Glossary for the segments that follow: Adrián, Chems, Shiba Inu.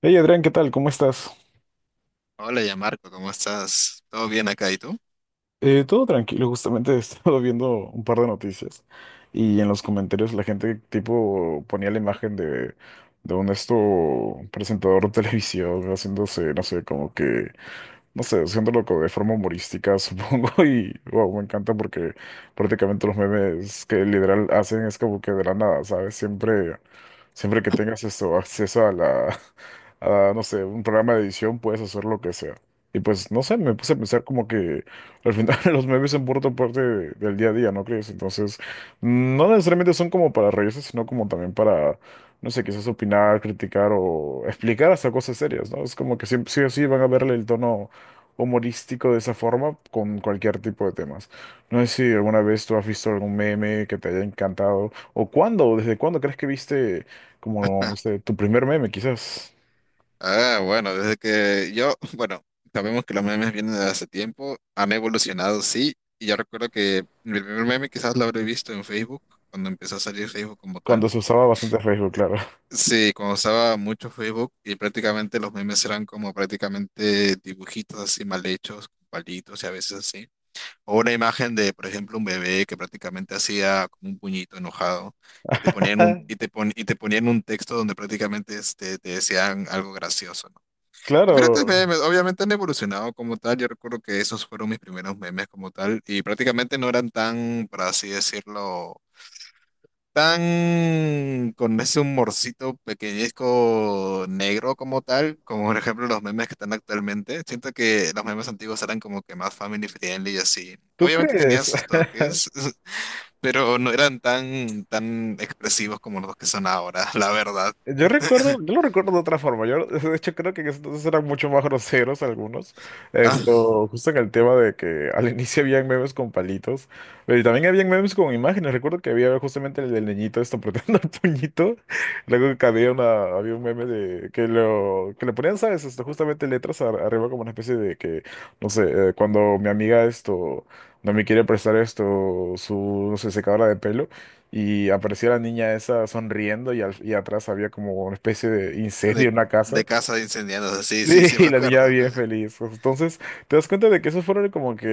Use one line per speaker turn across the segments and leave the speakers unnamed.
Hey Adrián, ¿qué tal? ¿Cómo estás?
Hola, ya Marco, ¿cómo estás? ¿Todo bien acá y tú?
Todo tranquilo, justamente he estado viendo un par de noticias y en los comentarios la gente tipo ponía la imagen de un esto presentador de televisión haciéndose, no sé, como que, no sé, haciéndolo como de forma humorística, supongo, y wow, me encanta porque prácticamente los memes que literal hacen es como que de la nada, ¿sabes? Siempre... Siempre que tengas acceso a a, no sé, un programa de edición, puedes hacer lo que sea. Y pues, no sé, me puse a pensar como que al final los memes son por otra parte del día a día, ¿no crees? Entonces, no necesariamente son como para reírse, sino como también para, no sé, quizás opinar, criticar o explicar hasta cosas serias, ¿no? Es como que siempre, sí o sí van a verle el tono humorístico de esa forma con cualquier tipo de temas. No sé si alguna vez tú has visto algún meme que te haya encantado o cuándo, desde cuándo crees que viste como, no sé, tu primer meme, quizás.
Bueno, desde que yo, bueno, sabemos que los memes vienen de hace tiempo, han evolucionado, sí, y yo recuerdo que mi primer meme quizás lo habré visto en Facebook, cuando empezó a salir Facebook como tal.
Cuando se usaba bastante Facebook, claro.
Sí, cuando usaba mucho Facebook y prácticamente los memes eran como prácticamente dibujitos así mal hechos, con palitos y a veces así. O una imagen de, por ejemplo, un bebé que prácticamente hacía como un puñito enojado y te ponían un texto donde prácticamente te decían algo gracioso, ¿no? Diferentes
Claro.
memes, obviamente han evolucionado como tal. Yo recuerdo que esos fueron mis primeros memes como tal y prácticamente no eran tan, por así decirlo, tan con ese humorcito pequeñezco negro como tal, como por ejemplo los memes que están actualmente. Siento que los memes antiguos eran como que más family friendly y así.
¿Tú
Obviamente tenían
crees?
sus toques, pero no eran tan expresivos como los que son ahora, la verdad.
Yo recuerdo, yo lo recuerdo de otra forma. Yo, de hecho, creo que en ese entonces eran mucho más groseros algunos.
Ah,
Justo en el tema de que al inicio habían memes con palitos, pero y también habían memes con imágenes. Recuerdo que había justamente el del niñito esto apretando el puñito. Luego que había un meme de que lo que le ponían, ¿sabes? Justamente letras arriba como una especie de que, no sé, cuando mi amiga esto no me quiere prestar su, no sé, secadora de pelo y apareció la niña esa sonriendo y, y atrás había como una especie de incendio
de,
en una casa.
de casa de incendiados, sí, sí, sí, me
Sí, la
acuerdo.
niña bien feliz. Pues, entonces, te das cuenta de que esos fueron como que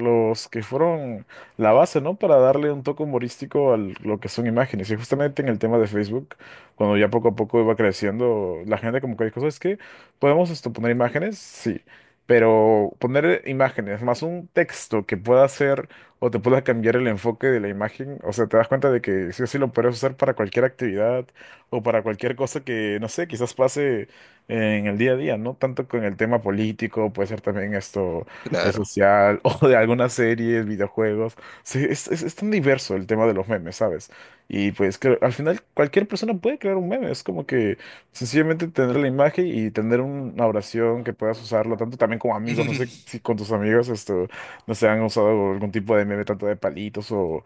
los que fueron la base, ¿no? Para darle un toque humorístico a lo que son imágenes. Y justamente en el tema de Facebook, cuando ya poco a poco iba creciendo, la gente como que dijo, ¿sabes qué? ¿Podemos poner imágenes? Sí. Pero poner imágenes más un texto que pueda hacer o te pueda cambiar el enfoque de la imagen, o sea, te das cuenta de que sí o sí lo puedes usar para cualquier actividad o para cualquier cosa que, no sé, quizás pase en el día a día, no tanto con el tema político, puede ser también esto es
Claro.
social o de algunas series, videojuegos. Sí, es tan diverso el tema de los memes, ¿sabes? Y pues al final cualquier persona puede crear un meme, es como que sencillamente tener la imagen y tener una oración que puedas usarlo tanto también como amigos, no sé si con tus amigos no sé, han usado algún tipo de meme tanto de palitos o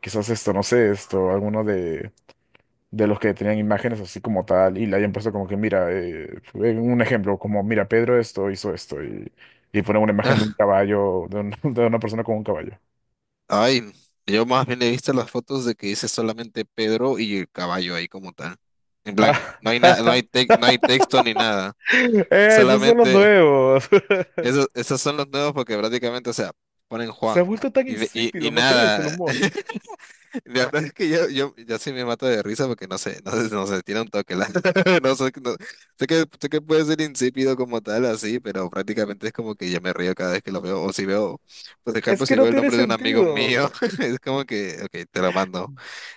quizás no sé, alguno de los que tenían imágenes así como tal y le hayan puesto como que, mira, un ejemplo, como, mira, Pedro esto hizo esto y ponen una imagen de un
Ah,
caballo, de una persona con un caballo.
ay, yo más bien he visto las fotos de que dice solamente Pedro y el caballo ahí como tal. En plan,
Ah,
no hay nada, no hay texto ni nada.
esos son los
Solamente
nuevos.
esos son los nuevos porque prácticamente, o sea, ponen
Se ha
Juan
vuelto tan
y
insípido, ¿no crees? El
nada.
humor.
La verdad es que yo sí me mato de risa porque no sé, tiene un toque. No sé, sé que puede ser insípido como tal, así, pero prácticamente es como que yo me río cada vez que lo veo. O si veo, por
Es
ejemplo,
que
si
no
veo el
tiene
nombre de un amigo
sentido.
mío, es como que, ok, te lo mando.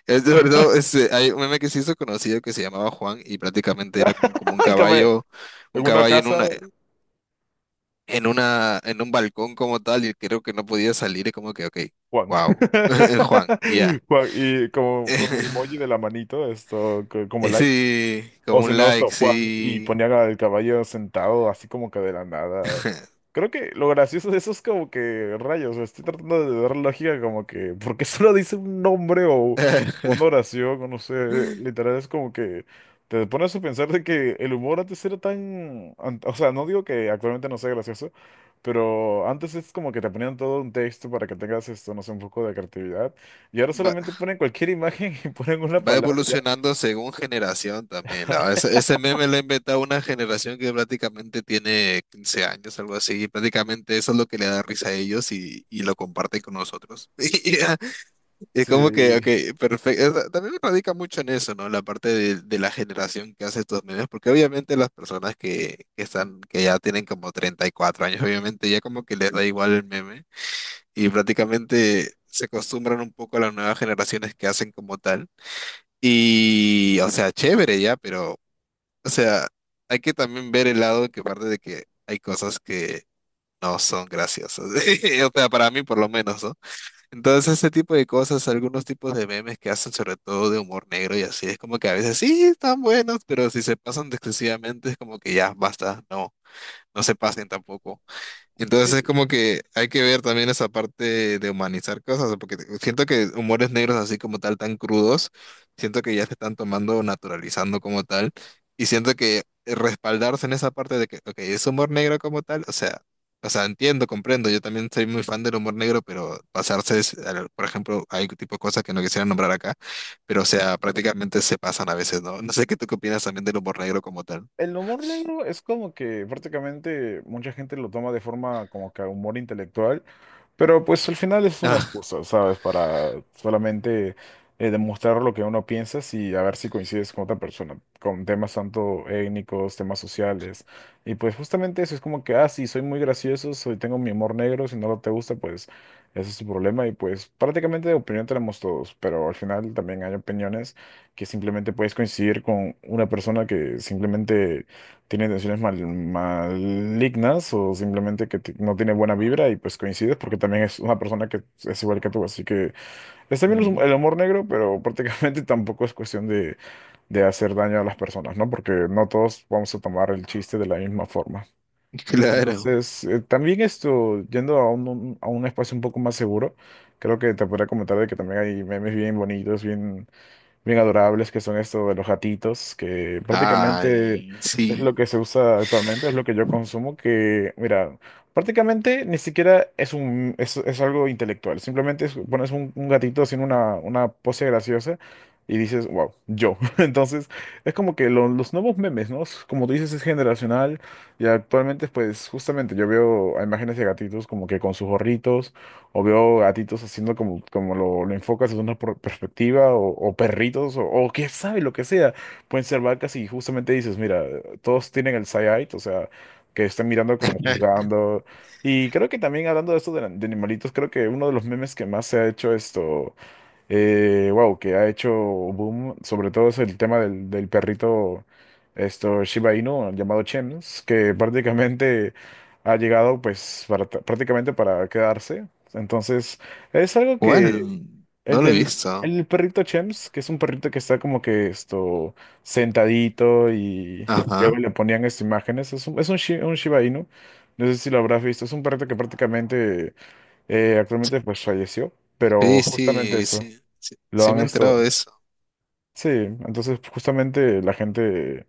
Es de verdad, hay un meme que se hizo conocido que se llamaba Juan y prácticamente era como, como
El caballo. En
un
una
caballo
casa,
en un balcón como tal, y creo que no podía salir, es como que, ok,
Juan.
wow, Juan, y ya.
Juan, y como con el emoji de la manito, como like.
Sí,
O
como
si
un
no, San
like,
Juan y
sí.
ponían al caballo sentado así como que de la nada. Creo que lo gracioso de eso es como que, rayos, estoy tratando de dar lógica como que, porque solo dice un nombre o una oración, o no sé, literal es como que te pones a pensar de que el humor antes era tan, o sea, no digo que actualmente no sea gracioso, pero antes es como que te ponían todo un texto para que tengas no sé, un poco de creatividad, y ahora
Va,
solamente ponen cualquier imagen y ponen una
va
palabra ya.
evolucionando según generación también. Ese meme lo ha inventado una generación que prácticamente tiene 15 años, algo así. Y prácticamente eso es lo que le da risa a ellos y lo comparte con nosotros. Y ya, es como que,
Sí.
ok, perfecto. También radica mucho en eso, ¿no? La parte de la generación que hace estos memes, porque obviamente las personas que ya tienen como 34 años, obviamente ya como que les da igual el meme. Y prácticamente se acostumbran un poco a las nuevas generaciones que hacen como tal. Y, o sea, chévere ya, pero, o sea, hay que también ver el lado que parte de que hay cosas que no son graciosas. O sea, para mí por lo menos, ¿no? Entonces, ese tipo de cosas, algunos tipos de memes que hacen sobre todo de humor negro y así, es como que a veces sí están buenos, pero si se pasan de excesivamente es como que ya, basta, no, no se pasen tampoco. Entonces es como que hay que ver también esa parte de humanizar cosas, ¿no? Porque siento que humores negros así como tal, tan crudos, siento que ya se están tomando, naturalizando como tal, y siento que respaldarse en esa parte de que, ok, es humor negro como tal, o sea, entiendo, comprendo, yo también soy muy fan del humor negro, pero pasarse, por ejemplo, hay tipo de cosas que no quisiera nombrar acá, pero o sea, prácticamente se pasan a veces, ¿no? No sé qué tú qué opinas también del humor negro como tal.
El humor negro es como que prácticamente mucha gente lo toma de forma como que humor intelectual, pero pues al final es una
Ah,
excusa, ¿sabes? Para solamente demostrar lo que uno piensa y a ver si coincides con otra persona, con temas tanto étnicos, temas sociales. Y pues justamente eso es como que, ah, sí, soy muy gracioso, soy, tengo mi humor negro, si no te gusta, pues ese es tu problema. Y pues prácticamente de opinión tenemos todos, pero al final también hay opiniones que simplemente puedes coincidir con una persona que simplemente tiene intenciones malignas o simplemente que no tiene buena vibra y pues coincides porque también es una persona que es igual que tú. Así que está bien
ujú,
el amor negro, pero prácticamente tampoco es cuestión de hacer daño a las personas, ¿no? Porque no todos vamos a tomar el chiste de la misma forma.
claro.
Entonces, también yendo a a un espacio un poco más seguro, creo que te podría comentar de que también hay memes bien bonitos, bien bien adorables, que son estos de los gatitos, que prácticamente
Ay,
es lo que
sí.
se usa actualmente, es lo que yo consumo, que, mira, prácticamente ni siquiera es algo intelectual, simplemente pones un gatito haciendo una pose graciosa y dices, wow, yo. Entonces, es como que los nuevos memes, ¿no? Es como tú dices, es generacional y actualmente, pues, justamente yo veo a imágenes de gatitos como que con sus gorritos o veo gatitos haciendo como, como lo enfocas desde una perspectiva, o perritos, o quién sabe, lo que sea. Pueden ser vacas y justamente dices, mira, todos tienen el side-eye, o sea, que están mirando como juzgando. Y creo que también hablando de esto de animalitos, creo que uno de los memes que más se ha hecho esto wow, que ha hecho boom, sobre todo es el tema del, del perrito esto Shiba Inu llamado Chems, que prácticamente ha llegado pues prácticamente para quedarse. Entonces, es algo
Bueno,
que
no
el
lo he
del
visto.
el perrito Chems, que es un perrito que está como que esto sentadito y luego
Ajá.
le ponían estas imágenes, es un Shiba Inu. No sé si lo habrás visto, es un perrito que prácticamente actualmente pues falleció, pero
Sí,
justamente
sí,
eso.
sí, sí,
Lo
sí
han
me he enterado de
esto.
eso.
Sí, entonces justamente la gente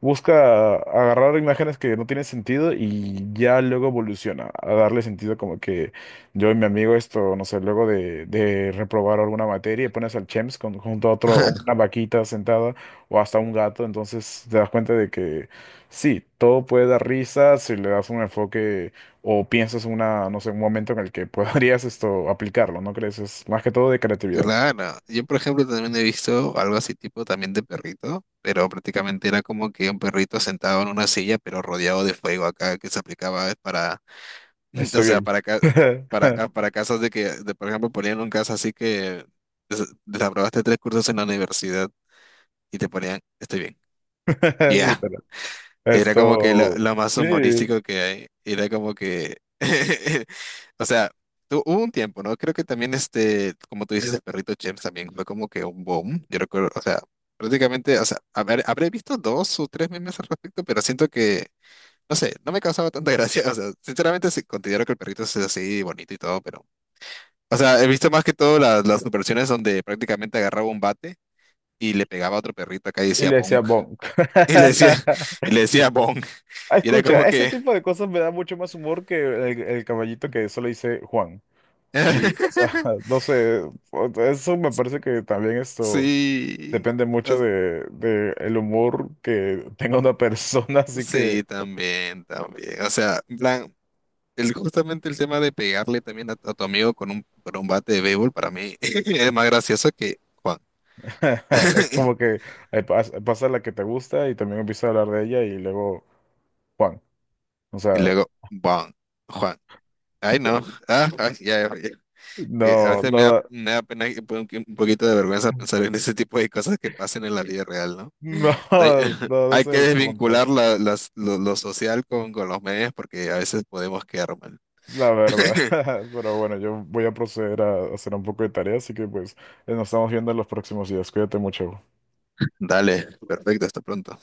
busca agarrar imágenes que no tienen sentido y ya luego evoluciona a darle sentido como que yo y mi amigo no sé, luego de reprobar alguna materia y pones al Chems junto a otro, o una vaquita sentada o hasta un gato, entonces te das cuenta de que sí, todo puede dar risa si le das un enfoque o piensas una, no sé, un momento en el que podrías esto aplicarlo, ¿no crees? Es más que todo de creatividad.
Claro, yo por ejemplo también he visto algo así tipo también de perrito, pero prácticamente era como que un perrito sentado en una silla pero rodeado de fuego acá que se aplicaba para, o
Estoy
sea,
bien.
para, ah, para casos por ejemplo, ponían un caso así que desaprobaste 3 cursos en la universidad y te ponían, estoy bien. Ya.
Literal.
Era como que
Esto,
lo más
sí.
humorístico que hay. Era como que. O sea, hubo un tiempo, ¿no? Creo que también, este, como tú dices, el perrito James también fue como que un boom. Yo recuerdo, o sea, prácticamente, o sea, habré visto 2 o 3 memes al respecto, pero siento que, no sé, no me causaba tanta gracia. O sea, sinceramente sí, considero que el perrito es así bonito y todo, pero. O sea, he visto más que todo las versiones donde prácticamente agarraba un bate y le pegaba a otro perrito acá y
Y
decía
le decía
bonk.
bonk.
Y le decía, y le decía bonk.
Ah,
Y era como
escucha, ese
que.
tipo de cosas me da mucho más humor que el caballito que solo dice Juan. Y, o sea, no sé, eso me parece que también esto
Sí,
depende mucho
o-
de el humor que tenga una persona, así que
sí, también, también. O sea, en plan, justamente el tema de pegarle también a tu amigo con un bate de béisbol para mí es más gracioso que Juan.
como que pasa la que te gusta y también empieza a hablar de ella y luego Juan. O
Y
sea,
luego, Juan, Juan. Ay, no. Ah, ay, ya, ya, que a
no,
veces
no da.
me da pena y un poquito de vergüenza pensar en ese tipo de cosas que pasan en la vida real, ¿no?
No,
Hay,
no,
hay
ese es
que
el
desvincular
punto,
lo social con los medios porque a veces podemos quedar mal.
la verdad. Pero bueno, yo voy a proceder a hacer un poco de tarea, así que pues nos estamos viendo en los próximos días. Cuídate mucho.
Dale, perfecto, hasta pronto.